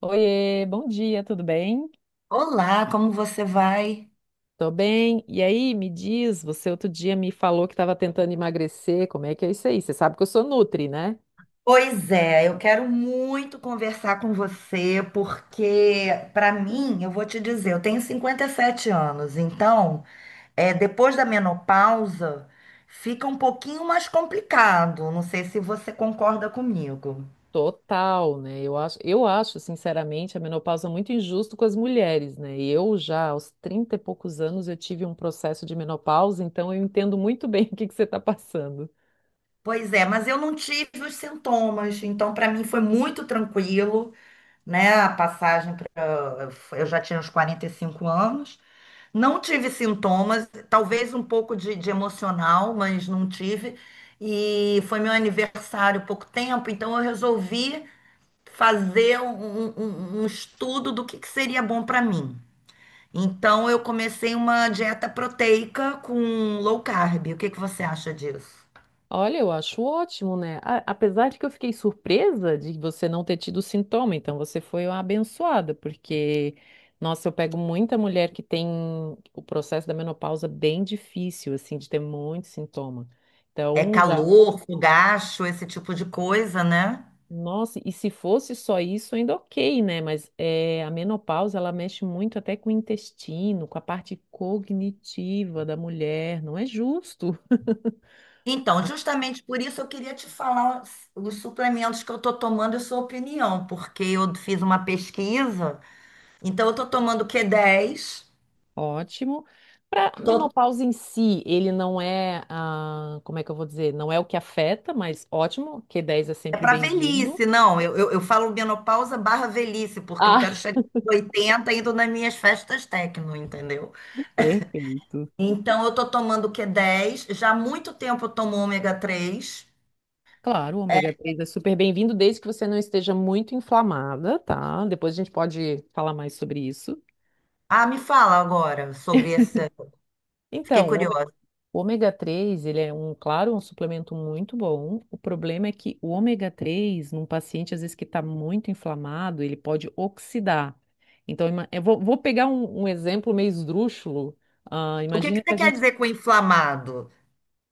Oiê, bom dia, tudo bem? Olá, como você vai? Tô bem. E aí, me diz, você outro dia me falou que estava tentando emagrecer, como é que é isso aí? Você sabe que eu sou nutri, né? Pois é, eu quero muito conversar com você, porque, para mim, eu vou te dizer, eu tenho 57 anos, então, depois da menopausa, fica um pouquinho mais complicado. Não sei se você concorda comigo. Total, né? Eu acho, sinceramente, a menopausa muito injusto com as mulheres, né? Eu já, aos 30 e poucos anos, eu tive um processo de menopausa, então eu entendo muito bem o que que você está passando. Pois é, mas eu não tive os sintomas, então, para mim, foi muito tranquilo, né? A passagem para. Eu já tinha uns 45 anos. Não tive sintomas, talvez um pouco de emocional, mas não tive. E foi meu aniversário há pouco tempo, então eu resolvi fazer um estudo do que seria bom para mim. Então eu comecei uma dieta proteica com low carb. O que que você acha disso? Olha, eu acho ótimo, né? Apesar de que eu fiquei surpresa de você não ter tido sintoma, então você foi uma abençoada, porque, nossa, eu pego muita mulher que tem o processo da menopausa bem difícil, assim, de ter muito sintoma. É Então, já, calor, fogacho, esse tipo de coisa, né? nossa, e se fosse só isso, ainda ok, né? Mas é, a menopausa, ela mexe muito até com o intestino, com a parte cognitiva da mulher, não é justo. Então, justamente por isso eu queria te falar os suplementos que eu estou tomando e sua opinião, porque eu fiz uma pesquisa, então eu estou tomando o Q10. Ótimo. Para tô- menopausa em si, ele não é, ah, como é que eu vou dizer? Não é o que afeta, mas ótimo, Q10 é É sempre para bem-vindo. velhice, não, eu falo menopausa barra velhice, porque eu quero Ah, chegar aos 80 indo nas minhas festas tecno, entendeu? perfeito. Então eu estou tomando o Q dez. Já há muito tempo eu tomo ômega 3. Claro, o ômega 3 é super bem-vindo, desde que você não esteja muito inflamada, tá? Depois a gente pode falar mais sobre isso. Ah, me fala agora sobre essa, fiquei O curiosa. o ômega 3, ele é um, claro, um suplemento muito bom. O problema é que o ômega 3, num paciente, às vezes, que está muito inflamado, ele pode oxidar. Então, eu vou pegar um, um exemplo meio esdrúxulo. Ah, O que que imagina que você a quer gente. dizer com inflamado?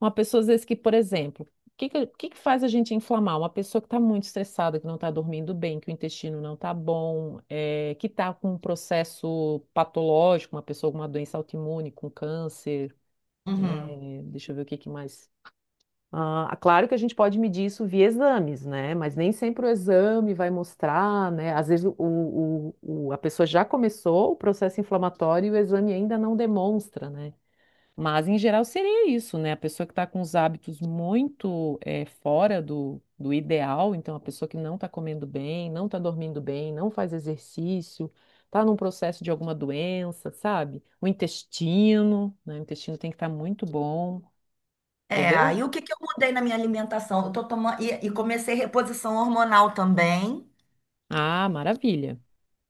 Uma pessoa, às vezes, que, por exemplo, o que faz a gente inflamar? Uma pessoa que está muito estressada, que não está dormindo bem, que o intestino não está bom, que está com um processo patológico, uma pessoa com uma doença autoimune, com câncer. Uhum. Deixa eu ver o que que mais. Ah, claro que a gente pode medir isso via exames, né? Mas nem sempre o exame vai mostrar, né? Às vezes a pessoa já começou o processo inflamatório e o exame ainda não demonstra, né? Mas em geral seria isso, né? A pessoa que está com os hábitos muito fora do ideal, então a pessoa que não está comendo bem, não está dormindo bem, não faz exercício, está num processo de alguma doença, sabe? O intestino, né? O intestino tem que estar muito bom, É, entendeu? aí o que que eu mudei na minha alimentação? Eu tô tomando, e comecei reposição hormonal também. Ah, maravilha.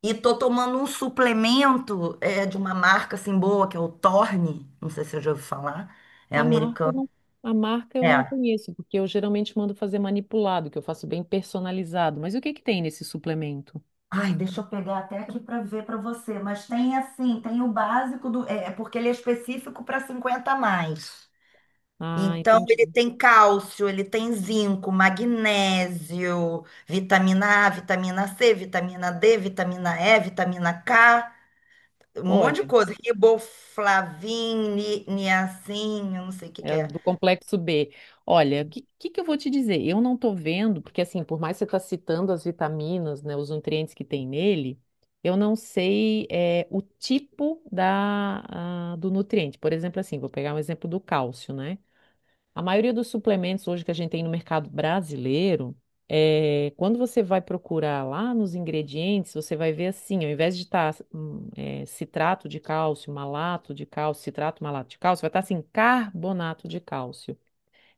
E tô tomando um suplemento de uma marca assim boa, que é o Torne. Não sei se você já ouviu falar. É A marca eu americano. não, a marca eu não É. conheço, porque eu geralmente mando fazer manipulado, que eu faço bem personalizado. Mas o que que tem nesse suplemento? Ai, deixa eu pegar até aqui para ver para você. Mas tem assim, tem o básico do. É porque ele é específico para 50 a mais. Ah, Então, ele entendi. tem cálcio, ele tem zinco, magnésio, vitamina A, vitamina C, vitamina D, vitamina E, vitamina K, um monte de Olha, coisa. Riboflavin, niacin, eu não sei o que que é é. do complexo B. Olha, o que eu vou te dizer? Eu não tô vendo, porque assim, por mais que você tá citando as vitaminas, né, os nutrientes que tem nele, eu não sei é, o tipo da, ah, do nutriente. Por exemplo, assim, vou pegar um exemplo do cálcio, né? A maioria dos suplementos hoje que a gente tem no mercado brasileiro, é, quando você vai procurar lá nos ingredientes, você vai ver assim, ao invés de estar citrato de cálcio, malato de cálcio, citrato, malato de cálcio, vai estar assim, carbonato de cálcio.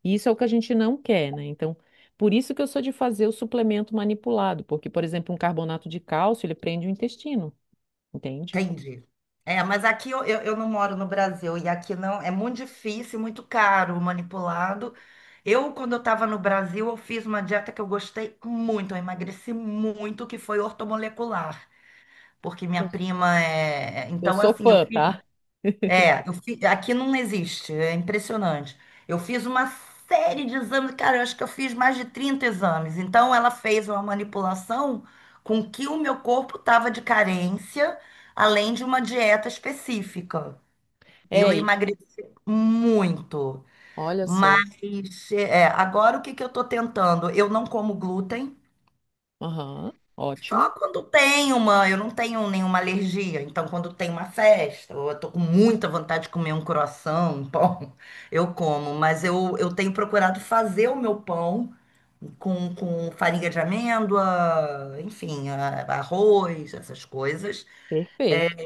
E isso é o que a gente não quer, né? Então, por isso que eu sou de fazer o suplemento manipulado, porque, por exemplo, um carbonato de cálcio, ele prende o intestino, entende? Entendi. É, mas aqui eu não moro no Brasil e aqui não, é muito difícil, muito caro, manipulado. Eu, quando eu estava no Brasil, eu fiz uma dieta que eu gostei muito, eu emagreci muito, que foi ortomolecular. Porque Eu, minha prima é. Eu Então, sou assim, eu fã, tá? fiz. Aqui não existe, é impressionante. Eu fiz uma série de exames, cara, eu acho que eu fiz mais de 30 exames. Então, ela fez uma manipulação com que o meu corpo estava de carência, além de uma dieta específica. E eu É, e emagreci muito. olha só. Mas, agora o que que eu estou tentando? Eu não como glúten. Aham, Só ótimo, quando tem uma, Eu não tenho nenhuma alergia, então quando tem uma festa, ou eu tô com muita vontade de comer um croissant, um pão, eu como, mas eu tenho procurado fazer o meu pão com farinha de amêndoa, enfim, arroz, essas coisas. perfeito.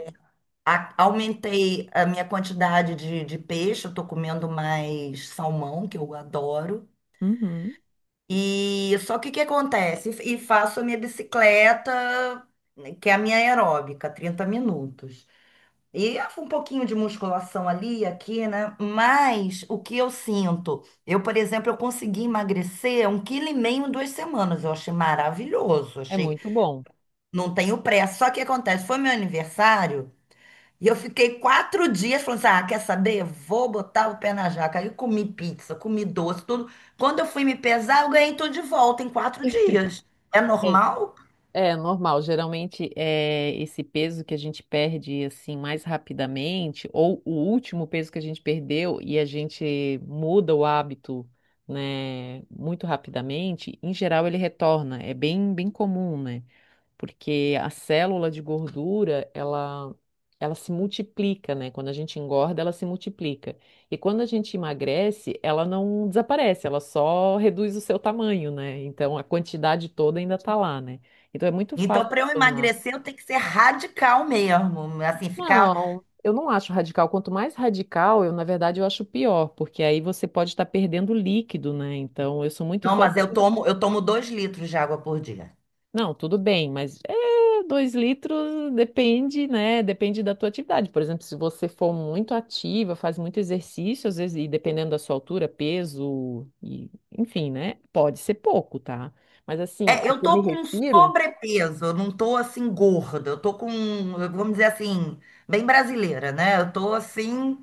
Aumentei a minha quantidade de peixe, eu tô comendo mais salmão, que eu adoro. Uhum. E só que o que acontece? E faço a minha bicicleta, que é a minha aeróbica, 30 minutos. E um pouquinho de musculação ali, e aqui, né? Mas o que eu sinto? Eu, por exemplo, eu consegui emagrecer 1,5 quilo em 2 semanas. Eu achei maravilhoso. É Achei, muito bom. não tenho pressa. Só que acontece, foi meu aniversário. E eu fiquei 4 dias falando assim, ah, quer saber? Vou botar o pé na jaca. Aí eu comi pizza, comi doce, tudo. Quando eu fui me pesar, eu ganhei tudo de volta em 4 dias. É É, normal? é normal, geralmente é esse peso que a gente perde assim mais rapidamente, ou o último peso que a gente perdeu e a gente muda o hábito, né, muito rapidamente, em geral ele retorna, é bem comum, né? Porque a célula de gordura, ela se multiplica, né? Quando a gente engorda, ela se multiplica. E quando a gente emagrece, ela não desaparece, ela só reduz o seu tamanho, né? Então a quantidade toda ainda tá lá, né? Então é muito Então, fácil para eu retornar. emagrecer, eu tenho que ser radical mesmo. Assim, ficar. Não, eu não acho radical. Quanto mais radical, eu, na verdade, eu acho pior, porque aí você pode estar perdendo líquido, né? Então, eu sou muito Não, fã, mas por eu tomo 2 litros de água por dia. Não, tudo bem, mas é, 2 litros depende, né? Depende da tua atividade. Por exemplo, se você for muito ativa, faz muito exercício, às vezes, e dependendo da sua altura, peso, e, enfim, né? Pode ser pouco, tá? Mas assim, É, o eu que eu me tô com um refiro, sobrepeso, eu não tô assim gorda, eu tô com, vamos dizer assim, bem brasileira, né? Eu tô assim,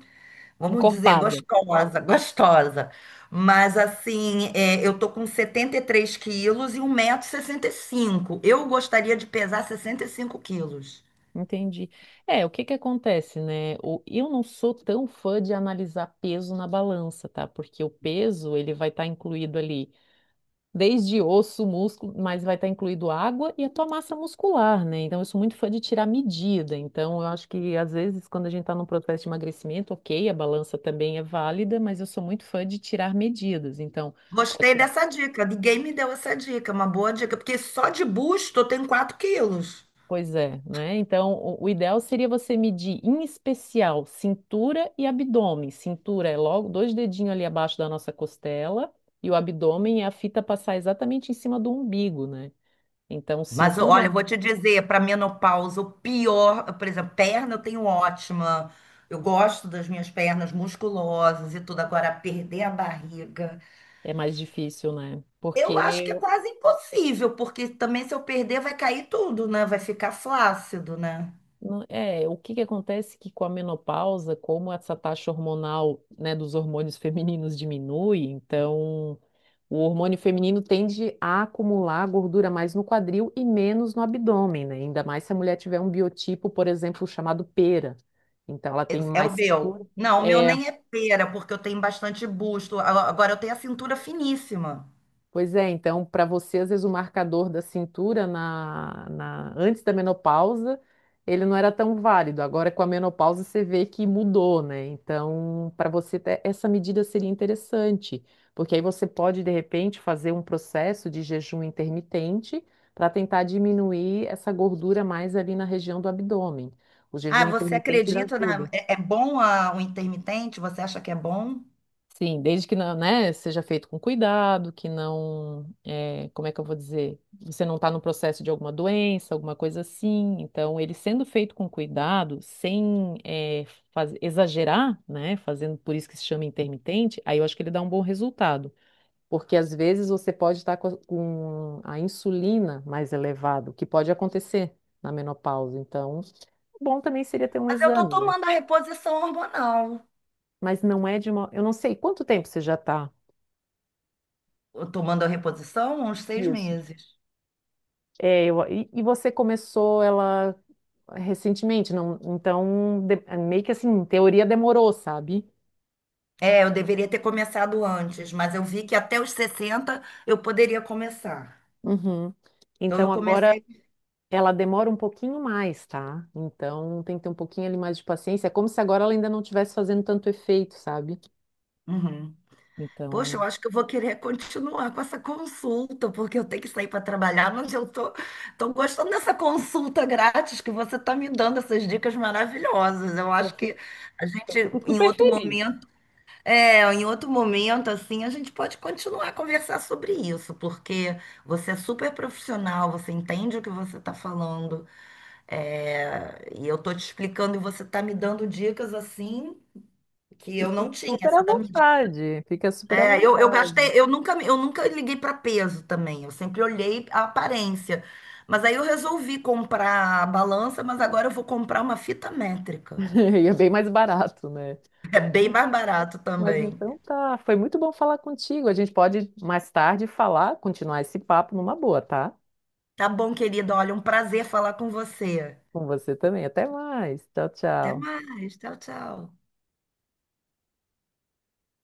vamos dizer, encorpada. gostosa, gostosa. Mas assim, eu tô com 73 quilos e 1,65 m. Eu gostaria de pesar 65 quilos. Entendi. É, o que que acontece, né? Eu não sou tão fã de analisar peso na balança, tá? Porque o peso, ele vai estar incluído ali, desde osso, músculo, mas vai estar incluído água e a tua massa muscular, né? Então, eu sou muito fã de tirar medida. Então, eu acho que às vezes, quando a gente está num processo de emagrecimento, ok, a balança também é válida, mas eu sou muito fã de tirar medidas. Então, pode Gostei tirar. dessa dica. Ninguém me deu essa dica, uma boa dica, porque só de busto eu tenho 4 quilos. Pois é, né? Então, o ideal seria você medir, em especial, cintura e abdômen. Cintura é logo dois dedinhos ali abaixo da nossa costela, e o abdômen é a fita passar exatamente em cima do umbigo, né? Então, Mas cintura olha, eu vou te dizer, para menopausa, o pior, por exemplo, perna eu tenho ótima. Eu gosto das minhas pernas musculosas e tudo. Agora, perder a barriga. É mais difícil, né? Eu Porque acho que é quase impossível, porque também se eu perder vai cair tudo, né? Vai ficar flácido, né? É, o que que acontece que com a menopausa, como essa taxa hormonal, né, dos hormônios femininos diminui, então o hormônio feminino tende a acumular gordura mais no quadril e menos no abdômen, né? Ainda mais se a mulher tiver um biotipo, por exemplo, chamado pera. Então ela É, tem é mais o meu. cintura. Não, o meu É, nem é pera, porque eu tenho bastante busto. Agora eu tenho a cintura finíssima. pois é, então, para você, às vezes o marcador da cintura antes da menopausa, ele não era tão válido. Agora, com a menopausa, você vê que mudou, né? Então, para você, essa medida seria interessante, porque aí você pode, de repente, fazer um processo de jejum intermitente para tentar diminuir essa gordura mais ali na região do abdômen. O Ah, jejum você intermitente, ele acredita, né? ajuda. É, é bom o intermitente? Você acha que é bom? Sim, desde que não, né, seja feito com cuidado, que não, é, como é que eu vou dizer? Você não está no processo de alguma doença, alguma coisa assim. Então, ele sendo feito com cuidado, sem é, exagerar, né, fazendo por isso que se chama intermitente, aí eu acho que ele dá um bom resultado. Porque às vezes você pode estar com a insulina mais elevada, o que pode acontecer na menopausa. Então, bom também seria ter um Mas eu tô exame, né? tomando a reposição hormonal. Mas não é de uma. Eu não sei quanto tempo você já está. Eu tomando a reposição há uns 6 meses. É, e você começou ela recentemente, não? Então, é meio que assim, em teoria demorou, sabe? É, eu deveria ter começado antes, mas eu vi que até os 60 eu poderia começar. Uhum. Então Então eu agora comecei. ela demora um pouquinho mais, tá? Então tem que ter um pouquinho ali mais de paciência. É como se agora ela ainda não estivesse fazendo tanto efeito, sabe? Uhum. Poxa, eu Então, acho que eu vou querer continuar com essa consulta, porque eu tenho que sair para trabalhar, mas eu tô gostando dessa consulta grátis que você está me dando, essas dicas maravilhosas. Eu Eu acho fico, que a eu gente, fico em super outro feliz. momento, em outro momento, assim, a gente pode continuar a conversar sobre isso, porque você é super profissional, você entende o que você está falando, e eu tô te explicando e você está me dando dicas assim que eu Fica não tinha. super à Essa da mídia vontade, fica super à é, eu vontade. gastei, eu nunca liguei para peso também, eu sempre olhei a aparência. Mas aí eu resolvi comprar a balança, mas agora eu vou comprar uma fita métrica. E é bem mais barato, né? É bem mais barato Mas também. então tá, foi muito bom falar contigo. A gente pode mais tarde falar, continuar esse papo numa boa, tá? Tá bom, querida, olha, um prazer falar com você. Com você também. Até mais. Tchau, Até tchau. mais, tchau, tchau.